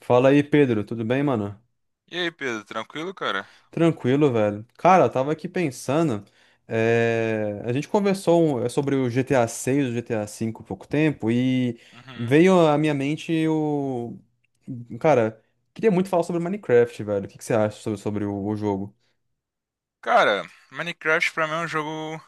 Fala aí, Pedro, tudo bem, mano? E aí, Pedro, tranquilo, cara? Tranquilo, velho. Cara, eu tava aqui pensando, a gente conversou sobre o GTA 6, o GTA 5 há pouco tempo e Uhum. veio à minha mente Cara, queria muito falar sobre Minecraft, velho. O que que você acha sobre o jogo? Cara, Minecraft pra mim é um jogo,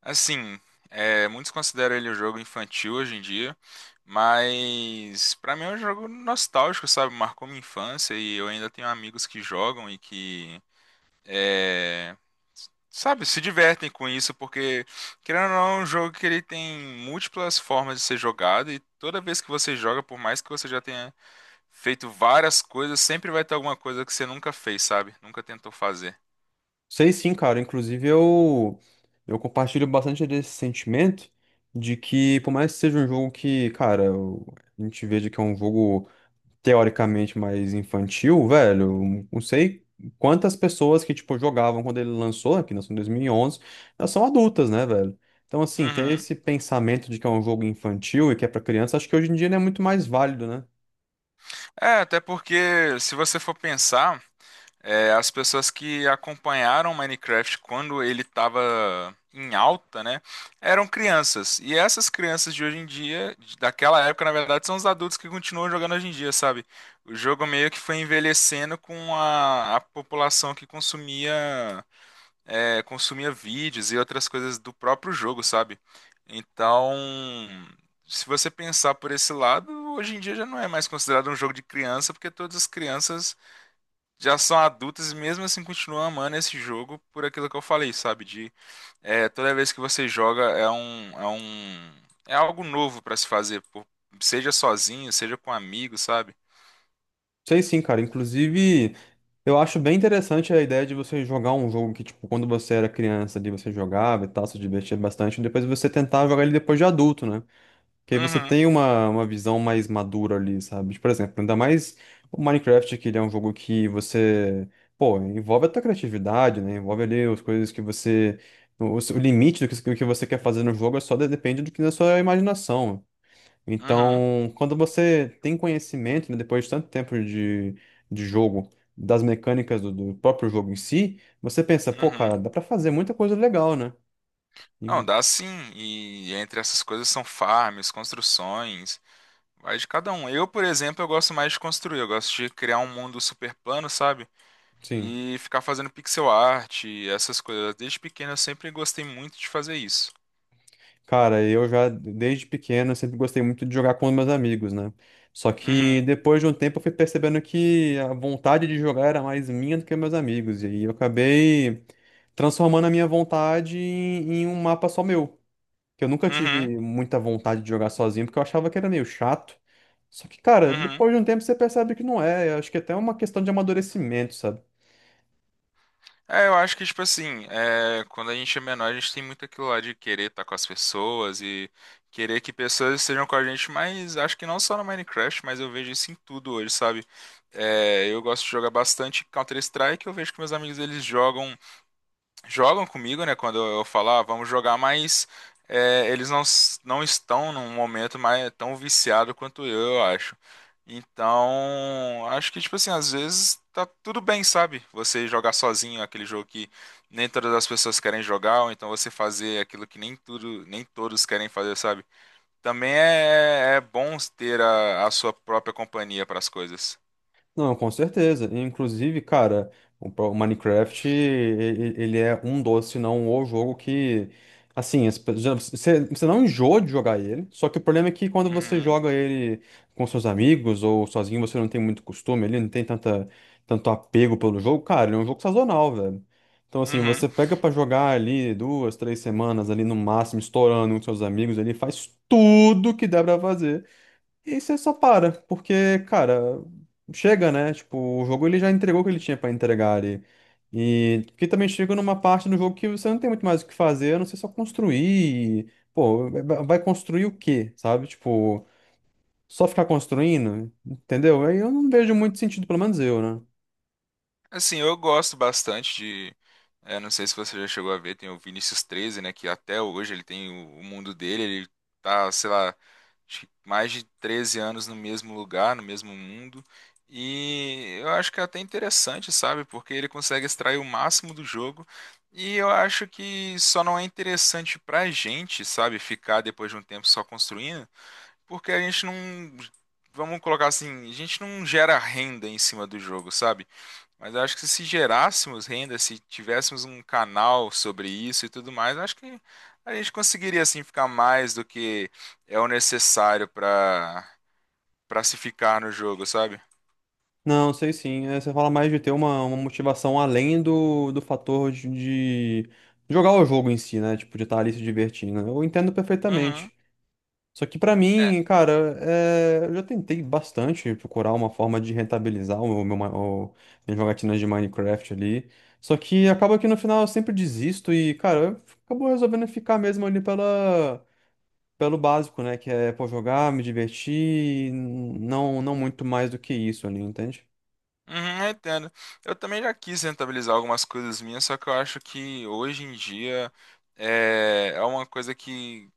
assim, muitos consideram ele um jogo infantil hoje em dia, mas pra mim é um jogo nostálgico, sabe? Marcou minha infância e eu ainda tenho amigos que jogam e que, é, se divertem com isso, porque, querendo ou não, é um jogo que ele tem múltiplas formas de ser jogado e toda vez que você joga, por mais que você já tenha feito várias coisas, sempre vai ter alguma coisa que você nunca fez, sabe? Nunca tentou fazer. Sei sim, cara. Inclusive, eu compartilho bastante desse sentimento de que, por mais que seja um jogo que, cara, a gente veja que é um jogo teoricamente mais infantil, velho. Não sei quantas pessoas que, tipo, jogavam quando ele lançou, que lançou em 2011, elas são adultas, né, velho? Então, assim, ter Uhum. esse pensamento de que é um jogo infantil e que é pra criança, acho que hoje em dia ele é muito mais válido, né? É, até porque se você for pensar, as pessoas que acompanharam Minecraft quando ele estava em alta, né, eram crianças. E essas crianças de hoje em dia, daquela época, na verdade, são os adultos que continuam jogando hoje em dia, sabe? O jogo meio que foi envelhecendo com a população que consumia vídeos e outras coisas do próprio jogo, sabe? Então, se você pensar por esse lado, hoje em dia já não é mais considerado um jogo de criança, porque todas as crianças já são adultas e mesmo assim continuam amando esse jogo por aquilo que eu falei, sabe? Toda vez que você joga é algo novo pra se fazer, pô. Seja sozinho, seja com amigos, sabe? Sei sim, cara. Inclusive, eu acho bem interessante a ideia de você jogar um jogo que, tipo, quando você era criança, ali você jogava e tal, se divertia bastante, e depois você tentar jogar ele depois de adulto, né? Que aí você Uhum. tem uma visão mais madura ali, sabe? Tipo, por exemplo, ainda mais o Minecraft, que ele é um jogo que você, pô, envolve a tua criatividade, né? Envolve ali as coisas que você. O limite do que você quer fazer no jogo é só depende do que da sua imaginação. Uhum, Então, quando você tem conhecimento, né, depois de tanto tempo de jogo, das mecânicas do próprio jogo em si, você pensa, pô, uhum. cara, dá pra fazer muita coisa legal, né? Não, E- dá sim. E entre essas coisas são farms, construções, vai de cada um. Eu, por exemplo, eu gosto mais de construir. Eu gosto de criar um mundo super plano, sabe? sim. E ficar fazendo pixel art, e essas coisas. Desde pequeno eu sempre gostei muito de fazer isso. Cara, eu já, desde pequeno, eu sempre gostei muito de jogar com os meus amigos, né? Só que Uhum, depois de um tempo eu fui percebendo que a vontade de jogar era mais minha do que meus amigos. E aí eu acabei transformando a minha vontade em um mapa só meu. Que eu nunca uhum, tive muita vontade de jogar sozinho, porque eu achava que era meio chato. Só que, cara, uhum. depois de um tempo você percebe que não é. Eu acho que até é uma questão de amadurecimento, sabe? É, eu acho que, tipo assim, quando a gente é menor, a gente tem muito aquilo lá de querer estar com as pessoas e querer que pessoas estejam com a gente, mas acho que não só no Minecraft, mas eu vejo isso em tudo hoje, sabe? É, eu gosto de jogar bastante Counter-Strike, eu vejo que meus amigos eles jogam comigo, né? Quando eu falar, ah, vamos jogar, mas é, eles não estão num momento mais tão viciado quanto eu acho. Então, acho que, tipo assim, às vezes tá tudo bem, sabe? Você jogar sozinho aquele jogo que nem todas as pessoas querem jogar, ou então você fazer aquilo que nem tudo, nem todos querem fazer, sabe? Também é bom ter a sua própria companhia para as coisas. Não, com certeza. Inclusive, cara, o Minecraft, ele é um dos, se não o jogo que, assim, você não enjoa de jogar ele, só que o problema é que quando você Uhum. joga ele com seus amigos ou sozinho, você não tem muito costume, ele não tem tanto apego pelo jogo, cara, ele é um jogo sazonal, velho. Então, assim, Uhum. você pega pra jogar ali duas, três semanas ali no máximo, estourando com seus amigos, ele faz tudo que dá pra fazer. E aí você só para, porque, cara, chega, né? Tipo, o jogo ele já entregou o que ele tinha pra entregar ali. E que também chega numa parte do jogo que você não tem muito mais o que fazer, a não ser só construir. E, pô, vai construir o quê, sabe? Tipo, só ficar construindo, entendeu? Aí eu não vejo muito sentido, pelo menos eu, né? Assim, eu gosto bastante de. Não sei se você já chegou a ver, tem o Vinícius Treze, né? Que até hoje ele tem o mundo dele, ele tá, sei lá, acho que mais de 13 anos no mesmo lugar, no mesmo mundo. E eu acho que é até interessante, sabe? Porque ele consegue extrair o máximo do jogo. E eu acho que só não é interessante pra gente, sabe? Ficar depois de um tempo só construindo, porque a gente não. Vamos colocar assim, a gente não gera renda em cima do jogo, sabe? Mas eu acho que se gerássemos renda, se tivéssemos um canal sobre isso e tudo mais, eu acho que a gente conseguiria assim ficar mais do que o necessário para se ficar no jogo, sabe? Não, sei sim. Você fala mais de ter uma motivação além do fator de jogar o jogo em si, né? Tipo, de estar ali se divertindo. Eu entendo Uhum. perfeitamente. Só que pra É. mim, cara, eu já tentei bastante procurar uma forma de rentabilizar o meu, ma- o... minhas jogatinas de Minecraft ali. Só que acaba que no final eu sempre desisto e, cara, eu acabo resolvendo ficar mesmo ali pelo básico, né? Que é, pô, jogar, me divertir, não não muito mais do que isso ali, entende? Uhum, eu entendo. Eu também já quis rentabilizar algumas coisas minhas, só que eu acho que hoje em dia é uma coisa que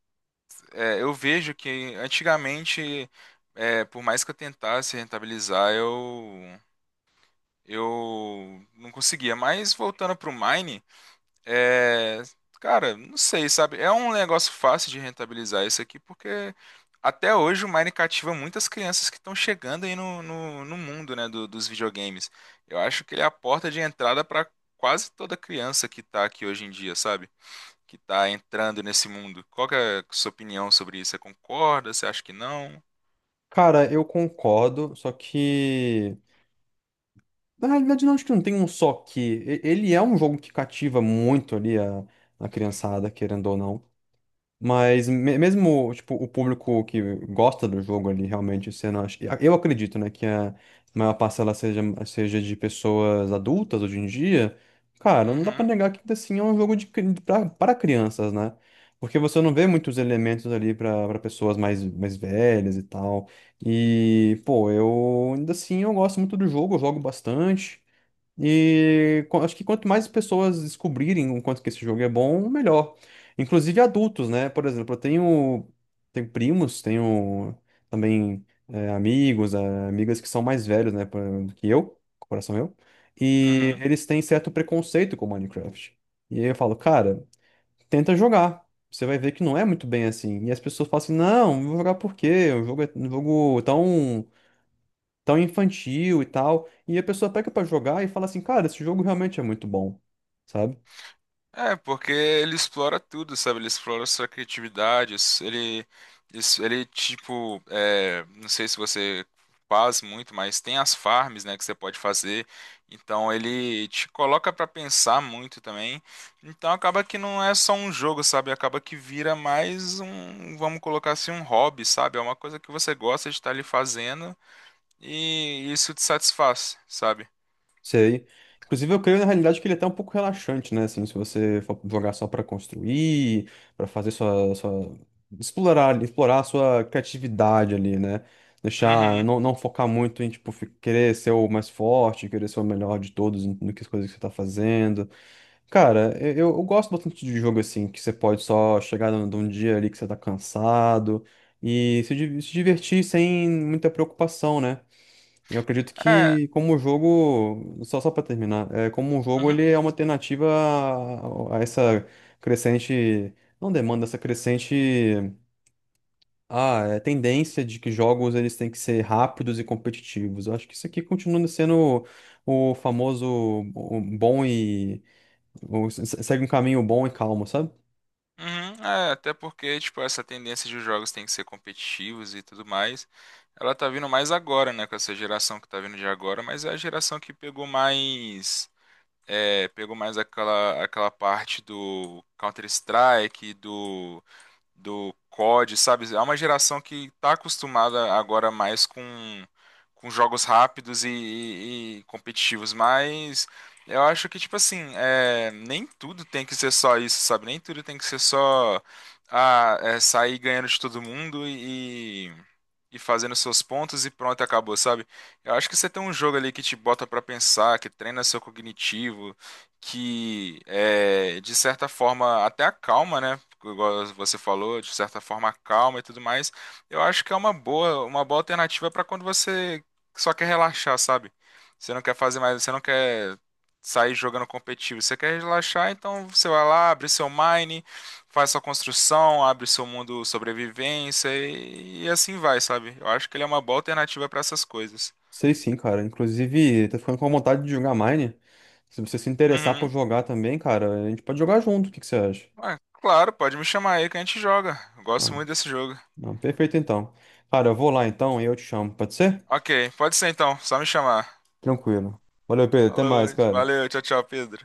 é, eu vejo que antigamente, por mais que eu tentasse rentabilizar, eu não conseguia. Mas voltando pro Mine, é, cara, não sei, sabe? É um negócio fácil de rentabilizar isso aqui, porque até hoje o Mine cativa muitas crianças que estão chegando aí no mundo, né, dos videogames. Eu acho que ele é a porta de entrada para quase toda criança que tá aqui hoje em dia, sabe? Que tá entrando nesse mundo. Qual que é a sua opinião sobre isso? Você concorda? Você acha que não? Cara, eu concordo, só que. Na realidade, não, acho que não tem um só que. Ele é um jogo que cativa muito ali a criançada, querendo ou não. Mas mesmo, tipo, o público que gosta do jogo ali, realmente, sendo, eu acredito, né, que a maior parcela seja de pessoas adultas hoje em dia, cara, não dá pra Uhum, negar que ainda assim é um jogo para crianças, né? Porque você não vê muitos elementos ali pra pessoas mais velhas e tal. E, pô, eu ainda assim eu gosto muito do jogo, eu jogo bastante. E acho que quanto mais pessoas descobrirem o quanto que esse jogo é bom, melhor. Inclusive adultos, né? Por exemplo, eu tenho primos, tenho também amigos, amigas que são mais velhos, né, que eu, coração eu, e uhum. eles têm certo preconceito com Minecraft. E aí eu falo, cara, tenta jogar. Você vai ver que não é muito bem assim. E as pessoas falam assim, não, vou jogar por quê? O jogo é um jogo é tão infantil e tal. E a pessoa pega pra jogar e fala assim, cara, esse jogo realmente é muito bom, sabe? É, porque ele explora tudo, sabe? Ele explora sua criatividade, ele tipo, é, não sei se você faz muito, mas tem as farms, né, que você pode fazer. Então ele te coloca pra pensar muito também. Então acaba que não é só um jogo, sabe? Acaba que vira mais um, vamos colocar assim, um hobby, sabe? É uma coisa que você gosta de estar ali fazendo e isso te satisfaz, sabe? Sei. Inclusive, eu creio na realidade que ele é até um pouco relaxante, né? Assim, se você for jogar só pra construir, pra fazer explorar a sua criatividade ali, né? Deixar, Uhum. não, não focar muito em, tipo, querer ser o mais forte, querer ser o melhor de todos no que as coisas que você tá fazendo. Cara, eu gosto bastante de jogo assim, que você pode só chegar num dia ali que você tá cansado e se divertir sem muita preocupação, né? Eu acredito É. que como o jogo, só para terminar, como o jogo Uhum. ele é uma alternativa a essa crescente, não demanda, essa crescente tendência de que jogos eles têm que ser rápidos e competitivos. Eu acho que isso aqui continua sendo o famoso o bom e ou segue um caminho bom e calmo, sabe? Uhum, é, até porque, tipo, essa tendência de os jogos têm que ser competitivos e tudo mais, ela tá vindo mais agora, né, com essa geração que tá vindo de agora, mas é a geração que pegou mais aquela, aquela parte do Counter-Strike, do COD, sabe? É uma geração que está acostumada agora mais com jogos rápidos e competitivos, mas eu acho que, tipo assim, nem tudo tem que ser só isso, sabe? Nem tudo tem que ser só ah, é, sair ganhando de todo mundo e fazendo seus pontos e pronto, acabou, sabe? Eu acho que você tem um jogo ali que te bota pra pensar, que treina seu cognitivo, que é, de certa forma até acalma, né? Igual você falou, de certa forma calma e tudo mais, eu acho que é uma boa alternativa para quando você só quer relaxar, sabe? Você não quer fazer mais, você não quer sair jogando competitivo, você quer relaxar, então você vai lá, abre seu mine, faz sua construção, abre seu mundo sobrevivência e assim vai, sabe? Eu acho que ele é uma boa alternativa para essas coisas. Sei sim, cara. Inclusive, tô ficando com vontade de jogar Mine. Se você se interessar por Uhum. jogar também, cara, a gente pode jogar junto. O que que você acha? Ah, claro, pode me chamar aí que a gente joga. Eu Ah, gosto muito desse jogo. não, perfeito então. Cara, eu vou lá então e eu te chamo, pode ser? Ok, pode ser então, só me chamar. Tranquilo. Valeu, Pedro. Até Falou, mais, cara. valeu, tchau, tchau, Pedro.